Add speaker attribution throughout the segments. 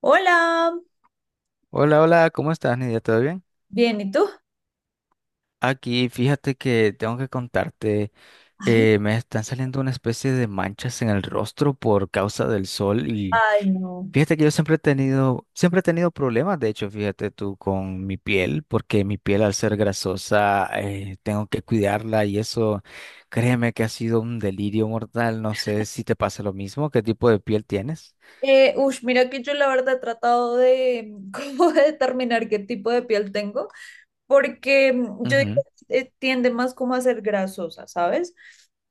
Speaker 1: Hola,
Speaker 2: Hola, hola, ¿cómo estás, Nidia? ¿Todo bien?
Speaker 1: bien, ¿y tú?
Speaker 2: Aquí, fíjate que tengo que contarte,
Speaker 1: Ay.
Speaker 2: me están saliendo una especie de manchas en el rostro por causa del sol y
Speaker 1: Ay, no.
Speaker 2: fíjate que yo siempre he tenido problemas, de hecho, fíjate tú, con mi piel, porque mi piel al ser grasosa, tengo que cuidarla y eso, créeme que ha sido un delirio mortal, no sé si te pasa lo mismo, ¿qué tipo de piel tienes?
Speaker 1: Ush, mira que yo la verdad he tratado de cómo determinar qué tipo de piel tengo, porque yo digo
Speaker 2: Ujú.
Speaker 1: que tiende más como a ser grasosa, ¿sabes?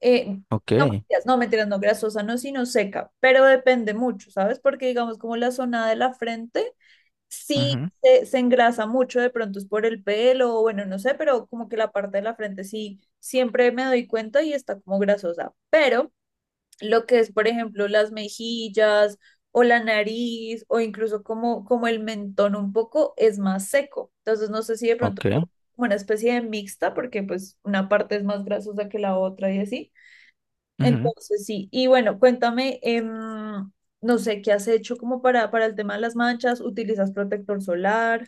Speaker 1: Eh,
Speaker 2: Ok,
Speaker 1: no, mentiras, no, mentiras, no, grasosa, no, sino seca, pero depende mucho, ¿sabes? Porque digamos como la zona de la frente sí
Speaker 2: ujú,
Speaker 1: se engrasa mucho, de pronto es por el pelo, o bueno, no sé, pero como que la parte de la frente sí, siempre me doy cuenta y está como grasosa, pero lo que es, por ejemplo, las mejillas o la nariz o incluso como el mentón un poco es más seco. Entonces no sé si de pronto
Speaker 2: ok,
Speaker 1: como una especie de mixta porque pues una parte es más grasosa que la otra y así.
Speaker 2: ujú.
Speaker 1: Entonces sí, y bueno, cuéntame, no sé, ¿qué has hecho como para el tema de las manchas? ¿Utilizas protector solar?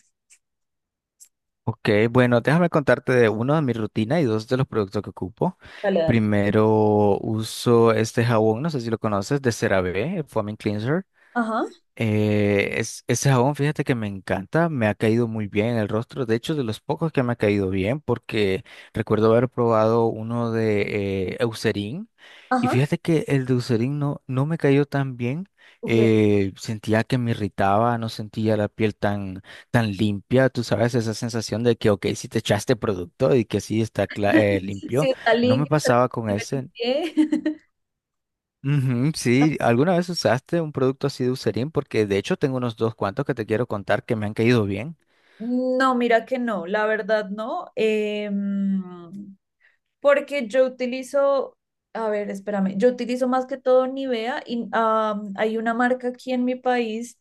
Speaker 2: Ok, bueno, déjame contarte de uno de mi rutina y dos de los productos que ocupo.
Speaker 1: Dale, dale.
Speaker 2: Primero uso este jabón, no sé si lo conoces, de CeraVe, el Foaming Cleanser.
Speaker 1: Ajá,
Speaker 2: Ese jabón, fíjate que me encanta, me ha caído muy bien en el rostro, de hecho de los pocos que me ha caído bien, porque recuerdo haber probado uno de Eucerin, y
Speaker 1: ajá,
Speaker 2: fíjate que el de Eucerin no, no me cayó tan bien,
Speaker 1: ok.
Speaker 2: sentía que me irritaba, no sentía la piel tan limpia, tú sabes, esa sensación de que, ok, si te echaste producto y que sí está
Speaker 1: Si
Speaker 2: limpio,
Speaker 1: está
Speaker 2: no me
Speaker 1: limpio, estará
Speaker 2: pasaba con
Speaker 1: limpio el
Speaker 2: ese.
Speaker 1: pie.
Speaker 2: Ujú, sí, ¿alguna vez usaste un producto así de Eucerin? Porque de hecho tengo unos dos cuantos que te quiero contar que me han caído bien.
Speaker 1: No, mira que no, la verdad no, porque yo utilizo, a ver, espérame, yo utilizo más que todo Nivea y hay una marca aquí en mi país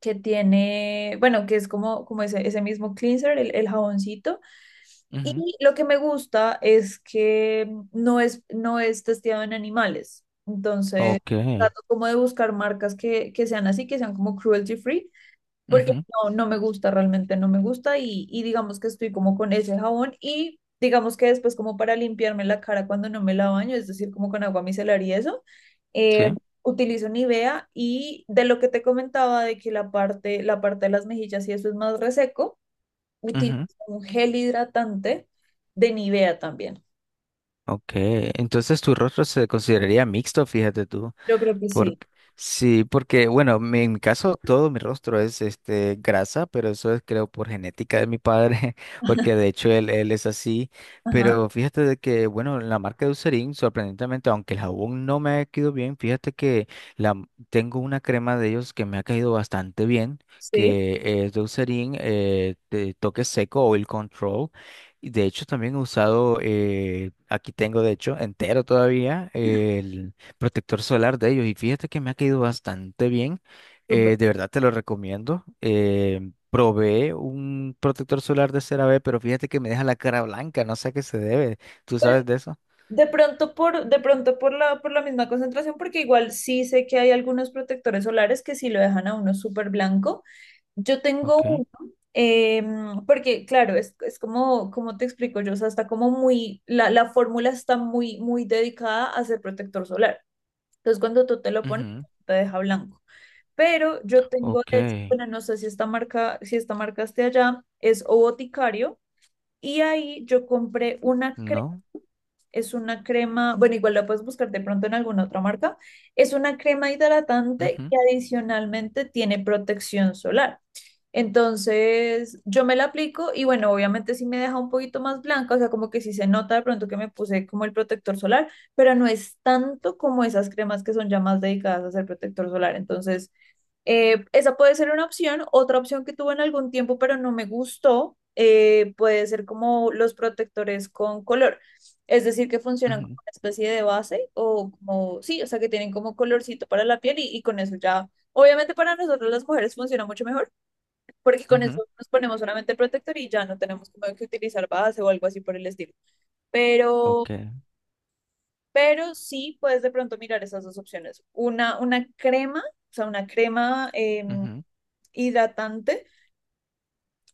Speaker 1: que tiene, bueno, que es como ese mismo cleanser, el jaboncito,
Speaker 2: Ujú,
Speaker 1: y lo que me gusta es que no es testeado en animales, entonces
Speaker 2: ok,
Speaker 1: trato como de buscar marcas que sean así, que sean como cruelty free porque
Speaker 2: ujú,
Speaker 1: no, no me gusta, realmente no me gusta y digamos que estoy como con ese jabón y digamos que después como para limpiarme la cara cuando no me la baño, es decir, como con agua micelar y eso, eh,
Speaker 2: sí,
Speaker 1: utilizo Nivea y de lo que te comentaba de que la parte de las mejillas y eso es más reseco, utilizo
Speaker 2: ujú,
Speaker 1: un gel hidratante de Nivea también.
Speaker 2: ok. Entonces tu rostro se consideraría mixto, fíjate tú.
Speaker 1: Yo creo que
Speaker 2: Por,
Speaker 1: sí.
Speaker 2: sí, porque, bueno, en mi caso todo mi rostro es este grasa, pero eso es creo por genética de mi padre, porque de hecho él, él es así.
Speaker 1: Ajá,
Speaker 2: Pero fíjate de que, bueno, la marca de Eucerin, sorprendentemente, aunque el jabón no me ha quedado bien, fíjate que tengo una crema de ellos que me ha caído bastante bien,
Speaker 1: sí,
Speaker 2: que es de Eucerin, de toque seco, Oil Control. Y de hecho también he usado, aquí tengo de hecho entero todavía, protector solar de ellos y fíjate que me ha caído bastante bien.
Speaker 1: súper.
Speaker 2: De verdad te lo recomiendo. Probé un protector solar de CeraVe, pero fíjate que me deja la cara blanca, no sé a qué se debe. ¿Tú sabes de eso?
Speaker 1: De pronto por la misma concentración, porque igual sí sé que hay algunos protectores solares que sí lo dejan a uno súper blanco. Yo tengo
Speaker 2: Ok,
Speaker 1: uno, porque claro, es como te explico yo, o sea, está como muy, la fórmula está muy, muy dedicada a ser protector solar. Entonces cuando tú te lo pones,
Speaker 2: ujú,
Speaker 1: te deja blanco. Pero yo tengo,
Speaker 2: ok.
Speaker 1: de hecho, bueno, no sé si esta marca esté allá, es O Boticario, y ahí yo compré una crema.
Speaker 2: No.
Speaker 1: Es una crema, bueno, igual la puedes buscar de pronto en alguna otra marca. Es una crema hidratante
Speaker 2: Ujú,
Speaker 1: que adicionalmente tiene protección solar. Entonces, yo me la aplico y bueno, obviamente sí me deja un poquito más blanca, o sea, como que sí se nota de pronto que me puse como el protector solar, pero no es tanto como esas cremas que son ya más dedicadas a hacer protector solar. Entonces, esa puede ser una opción. Otra opción que tuve en algún tiempo, pero no me gustó, puede ser como los protectores con color. Es decir, que funcionan como
Speaker 2: ujú,
Speaker 1: una especie de base o como, sí, o sea, que tienen como colorcito para la piel y con eso ya, obviamente para nosotros las mujeres funciona mucho mejor, porque con
Speaker 2: ujú,
Speaker 1: eso nos ponemos solamente el protector y ya no tenemos como que utilizar base o algo así por el estilo. Pero,
Speaker 2: ok,
Speaker 1: pero sí puedes de pronto mirar esas dos opciones. Una crema, o sea, una crema
Speaker 2: ujú,
Speaker 1: hidratante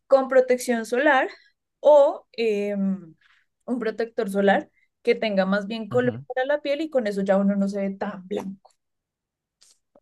Speaker 1: con protección solar o un protector solar que tenga más bien color
Speaker 2: ujú.
Speaker 1: para la piel y con eso ya uno no se ve tan blanco.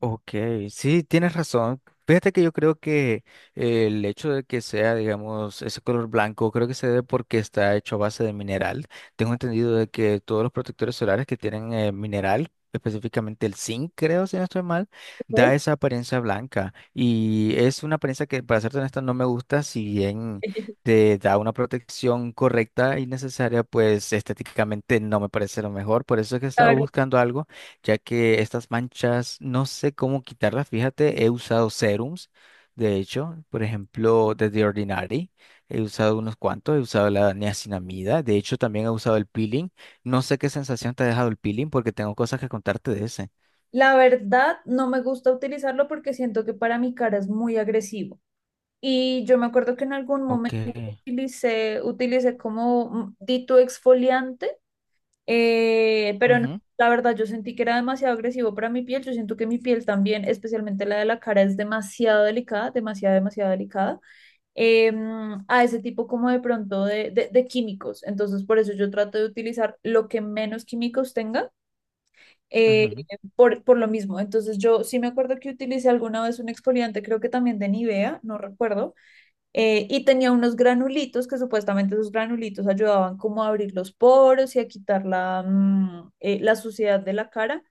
Speaker 2: Ok, sí, tienes razón. Fíjate que yo creo que el hecho de que sea, digamos, ese color blanco, creo que se debe porque está hecho a base de mineral. Tengo entendido de que todos los protectores solares que tienen mineral, específicamente el zinc, creo, si no estoy mal,
Speaker 1: Ok.
Speaker 2: da esa apariencia blanca. Y es una apariencia que, para serte honesta, no me gusta, si bien te da una protección correcta y necesaria, pues estéticamente no me parece lo mejor. Por eso es que estaba
Speaker 1: Claro.
Speaker 2: buscando algo ya que estas manchas no sé cómo quitarlas. Fíjate, he usado serums, de hecho, por ejemplo, de The Ordinary, he usado unos cuantos, he usado la niacinamida, de hecho también he usado el peeling. No sé qué sensación te ha dejado el peeling porque tengo cosas que contarte de ese.
Speaker 1: La verdad, no me gusta utilizarlo porque siento que para mi cara es muy agresivo. Y yo me acuerdo que en algún
Speaker 2: Ok,
Speaker 1: momento utilicé como dito exfoliante, pero no,
Speaker 2: ujú,
Speaker 1: la verdad yo sentí que era demasiado agresivo para mi piel. Yo siento que mi piel también, especialmente la de la cara, es demasiado delicada, demasiado, demasiado delicada. eh, a ese tipo como de pronto de químicos. Entonces, por eso yo trato de utilizar lo que menos químicos tenga, eh,
Speaker 2: ujú,
Speaker 1: por lo mismo. Entonces, yo sí me acuerdo que utilicé alguna vez un exfoliante, creo que también de Nivea, no recuerdo, y tenía unos granulitos que supuestamente esos granulitos ayudaban como a abrir los poros y a quitar la suciedad de la cara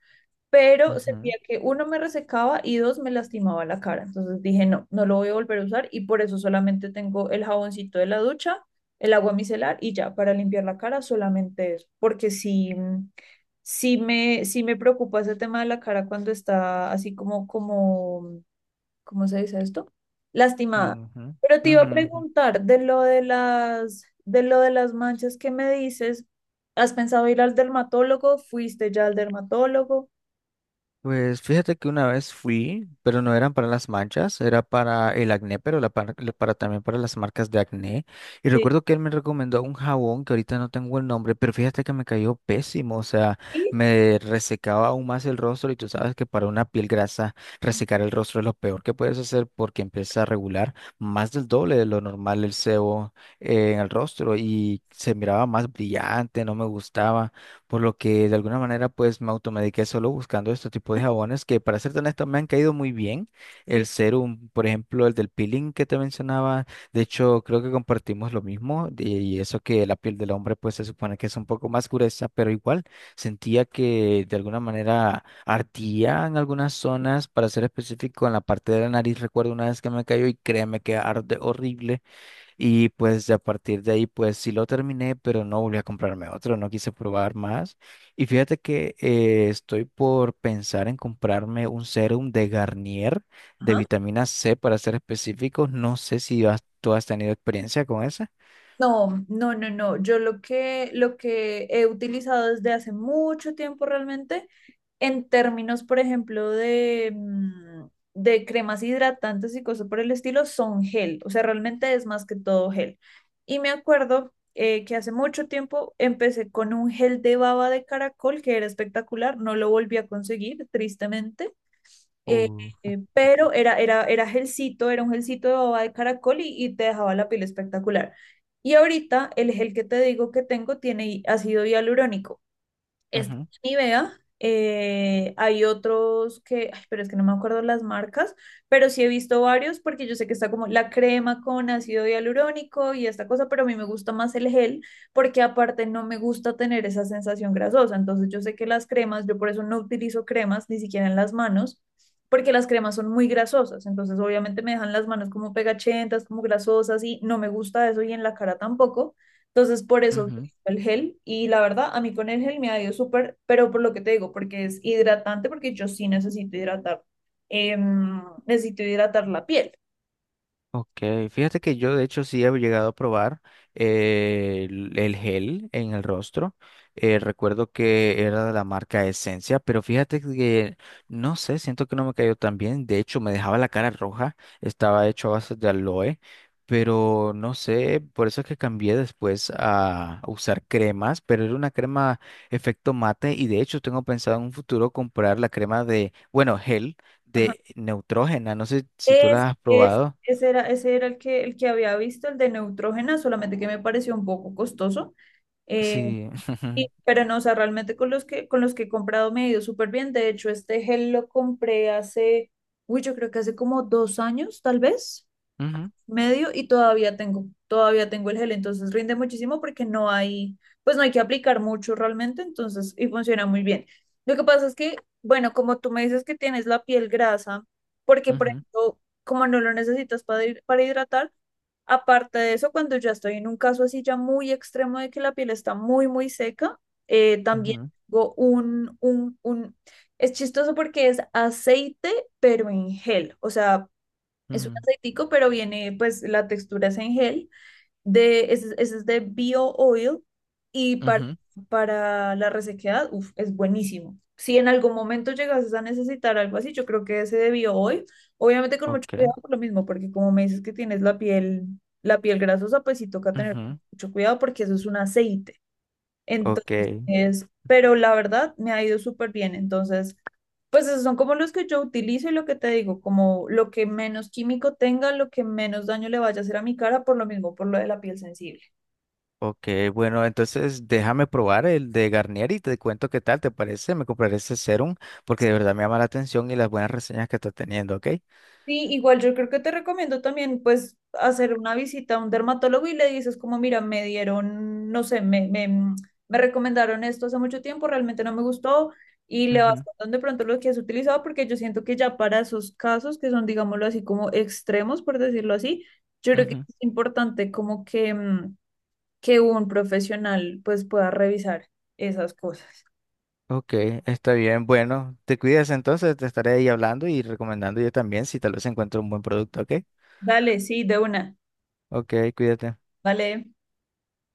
Speaker 1: pero sentía
Speaker 2: ujú,
Speaker 1: que uno me resecaba y dos me lastimaba la cara. Entonces dije, no, no lo voy a volver a usar y por eso solamente tengo el jaboncito de la ducha, el agua micelar y ya, para limpiar la cara solamente eso, porque sí, sí me preocupa ese tema de la cara cuando está así como, ¿cómo se dice esto? Lastimada.
Speaker 2: ujú,
Speaker 1: Pero te iba a
Speaker 2: ujú, ujú.
Speaker 1: preguntar de lo de las, manchas que me dices. ¿Has pensado ir al dermatólogo? ¿Fuiste ya al dermatólogo?
Speaker 2: Pues fíjate que una vez fui, pero no eran para las manchas, era para el acné, pero la par- la para, también para las marcas de acné. Y
Speaker 1: Sí.
Speaker 2: recuerdo que él me recomendó un jabón que ahorita no tengo el nombre, pero fíjate que me cayó pésimo, o sea,
Speaker 1: Sí,
Speaker 2: me resecaba aún más el rostro y tú sabes que para una piel grasa resecar el rostro es lo peor que puedes hacer porque empieza a regular más del doble de lo normal el sebo en el rostro y se miraba más brillante, no me gustaba. Por lo que de alguna manera pues me automediqué solo buscando este tipo de jabones que para ser honesto me han caído muy bien.
Speaker 1: sí,
Speaker 2: El serum, por ejemplo, el del peeling que te mencionaba, de hecho creo que compartimos lo mismo y eso que la piel del hombre pues se supone que es un poco más gruesa, pero igual sentía que de alguna manera ardía en algunas zonas, para ser específico en la parte de la nariz. Recuerdo una vez que me cayó y créeme que arde horrible. Y pues de a partir de ahí, pues sí lo terminé, pero no volví a comprarme otro, no quise probar más. Y fíjate que estoy por pensar en comprarme un serum de Garnier de
Speaker 1: ajá.
Speaker 2: vitamina C para ser específicos. No sé si tú has tenido experiencia con esa.
Speaker 1: No, no, no, no. Yo lo que he utilizado desde hace mucho tiempo realmente, en términos, por ejemplo, de cremas hidratantes y cosas por el estilo, son gel. O sea, realmente es más que todo gel. Y me acuerdo que hace mucho tiempo empecé con un gel de baba de caracol que era espectacular. No lo volví a conseguir, tristemente. Eh,
Speaker 2: Uh,
Speaker 1: pero era un gelcito de baba de caracol y te dejaba la piel espectacular. Y ahorita el gel que te digo que tengo tiene ácido hialurónico. Este
Speaker 2: Ujú,
Speaker 1: es Nivea. Hay otros que, ay, pero es que no me acuerdo las marcas, pero sí he visto varios porque yo sé que está como la crema con ácido hialurónico y esta cosa, pero a mí me gusta más el gel porque aparte no me gusta tener esa sensación grasosa. Entonces yo sé que las cremas, yo por eso no utilizo cremas ni siquiera en las manos porque las cremas son muy grasosas. Entonces obviamente me dejan las manos como pegachentas, como grasosas y no me gusta eso y en la cara tampoco. Entonces, por eso
Speaker 2: ujú.
Speaker 1: el gel y la verdad a mí con el gel me ha ido súper, pero por lo que te digo, porque es hidratante, porque yo sí necesito hidratar, necesito hidratar la piel.
Speaker 2: Ok, fíjate que yo de hecho sí he llegado a probar el gel en el rostro. Recuerdo que era de la marca Esencia, pero fíjate que no sé, siento que no me cayó tan bien. De hecho, me dejaba la cara roja, estaba hecho a base de aloe, pero no sé, por eso es que cambié después a usar cremas, pero era una crema efecto mate y de hecho tengo pensado en un futuro comprar la crema de, bueno, gel
Speaker 1: Ajá.
Speaker 2: de Neutrógena, no sé si tú
Speaker 1: Es,
Speaker 2: la has
Speaker 1: es,
Speaker 2: probado.
Speaker 1: ese era, ese era el que había visto, el de Neutrogena, solamente que me pareció un poco costoso, eh,
Speaker 2: Sí.
Speaker 1: pero no, o sea, realmente con los que he comprado me ha ido súper bien. De hecho, este gel lo compré hace, uy, yo creo que hace como 2 años, tal vez,
Speaker 2: Ujú,
Speaker 1: medio y todavía tengo el gel, entonces rinde muchísimo porque no hay, pues no hay que aplicar mucho realmente, entonces, y funciona muy bien. Lo que pasa es que, bueno, como tú me dices que tienes la piel grasa, porque por
Speaker 2: ujú,
Speaker 1: ejemplo, como no lo necesitas para, para hidratar, aparte de eso, cuando ya estoy en un caso así ya muy extremo de que la piel está muy, muy seca, también
Speaker 2: ujú,
Speaker 1: tengo es chistoso porque es aceite, pero en gel, o sea, es un
Speaker 2: ujú,
Speaker 1: aceitico, pero viene, pues la textura es en gel. Ese es de Bio Oil y para,
Speaker 2: ujú.
Speaker 1: para la resequedad, uf, es buenísimo. Si en algún momento llegases a necesitar algo así, yo creo que ese de Bio Oil, obviamente con mucho
Speaker 2: Ok,
Speaker 1: cuidado por lo mismo, porque como me dices que tienes la piel grasosa, pues sí toca tener
Speaker 2: ujú.
Speaker 1: mucho cuidado porque eso es un aceite.
Speaker 2: Ok.
Speaker 1: Entonces, pero la verdad me ha ido súper bien. Entonces, pues esos son como los que yo utilizo y lo que te digo, como lo que menos químico tenga, lo que menos daño le vaya a hacer a mi cara, por lo mismo, por lo de la piel sensible.
Speaker 2: Ok. Bueno, entonces déjame probar el de Garnier y te cuento qué tal te parece. Me compraré ese serum porque de verdad me llama la atención y las buenas reseñas que está teniendo, ¿ok?
Speaker 1: Sí, igual yo creo que te recomiendo también pues hacer una visita a un dermatólogo y le dices como, mira, me dieron, no sé, me recomendaron esto hace mucho tiempo, realmente no me gustó y le vas
Speaker 2: Ujú,
Speaker 1: contando de pronto lo que has utilizado porque yo siento que ya para esos casos que son, digámoslo así, como extremos, por decirlo así, yo creo que
Speaker 2: ujú.
Speaker 1: es importante como que, que un profesional pues pueda revisar esas cosas.
Speaker 2: Ok, está bien. Bueno, te cuidas entonces, te estaré ahí hablando y recomendando yo también si tal vez encuentro un buen producto, ¿ok?
Speaker 1: Dale, sí, de una.
Speaker 2: Ok, cuídate.
Speaker 1: Vale.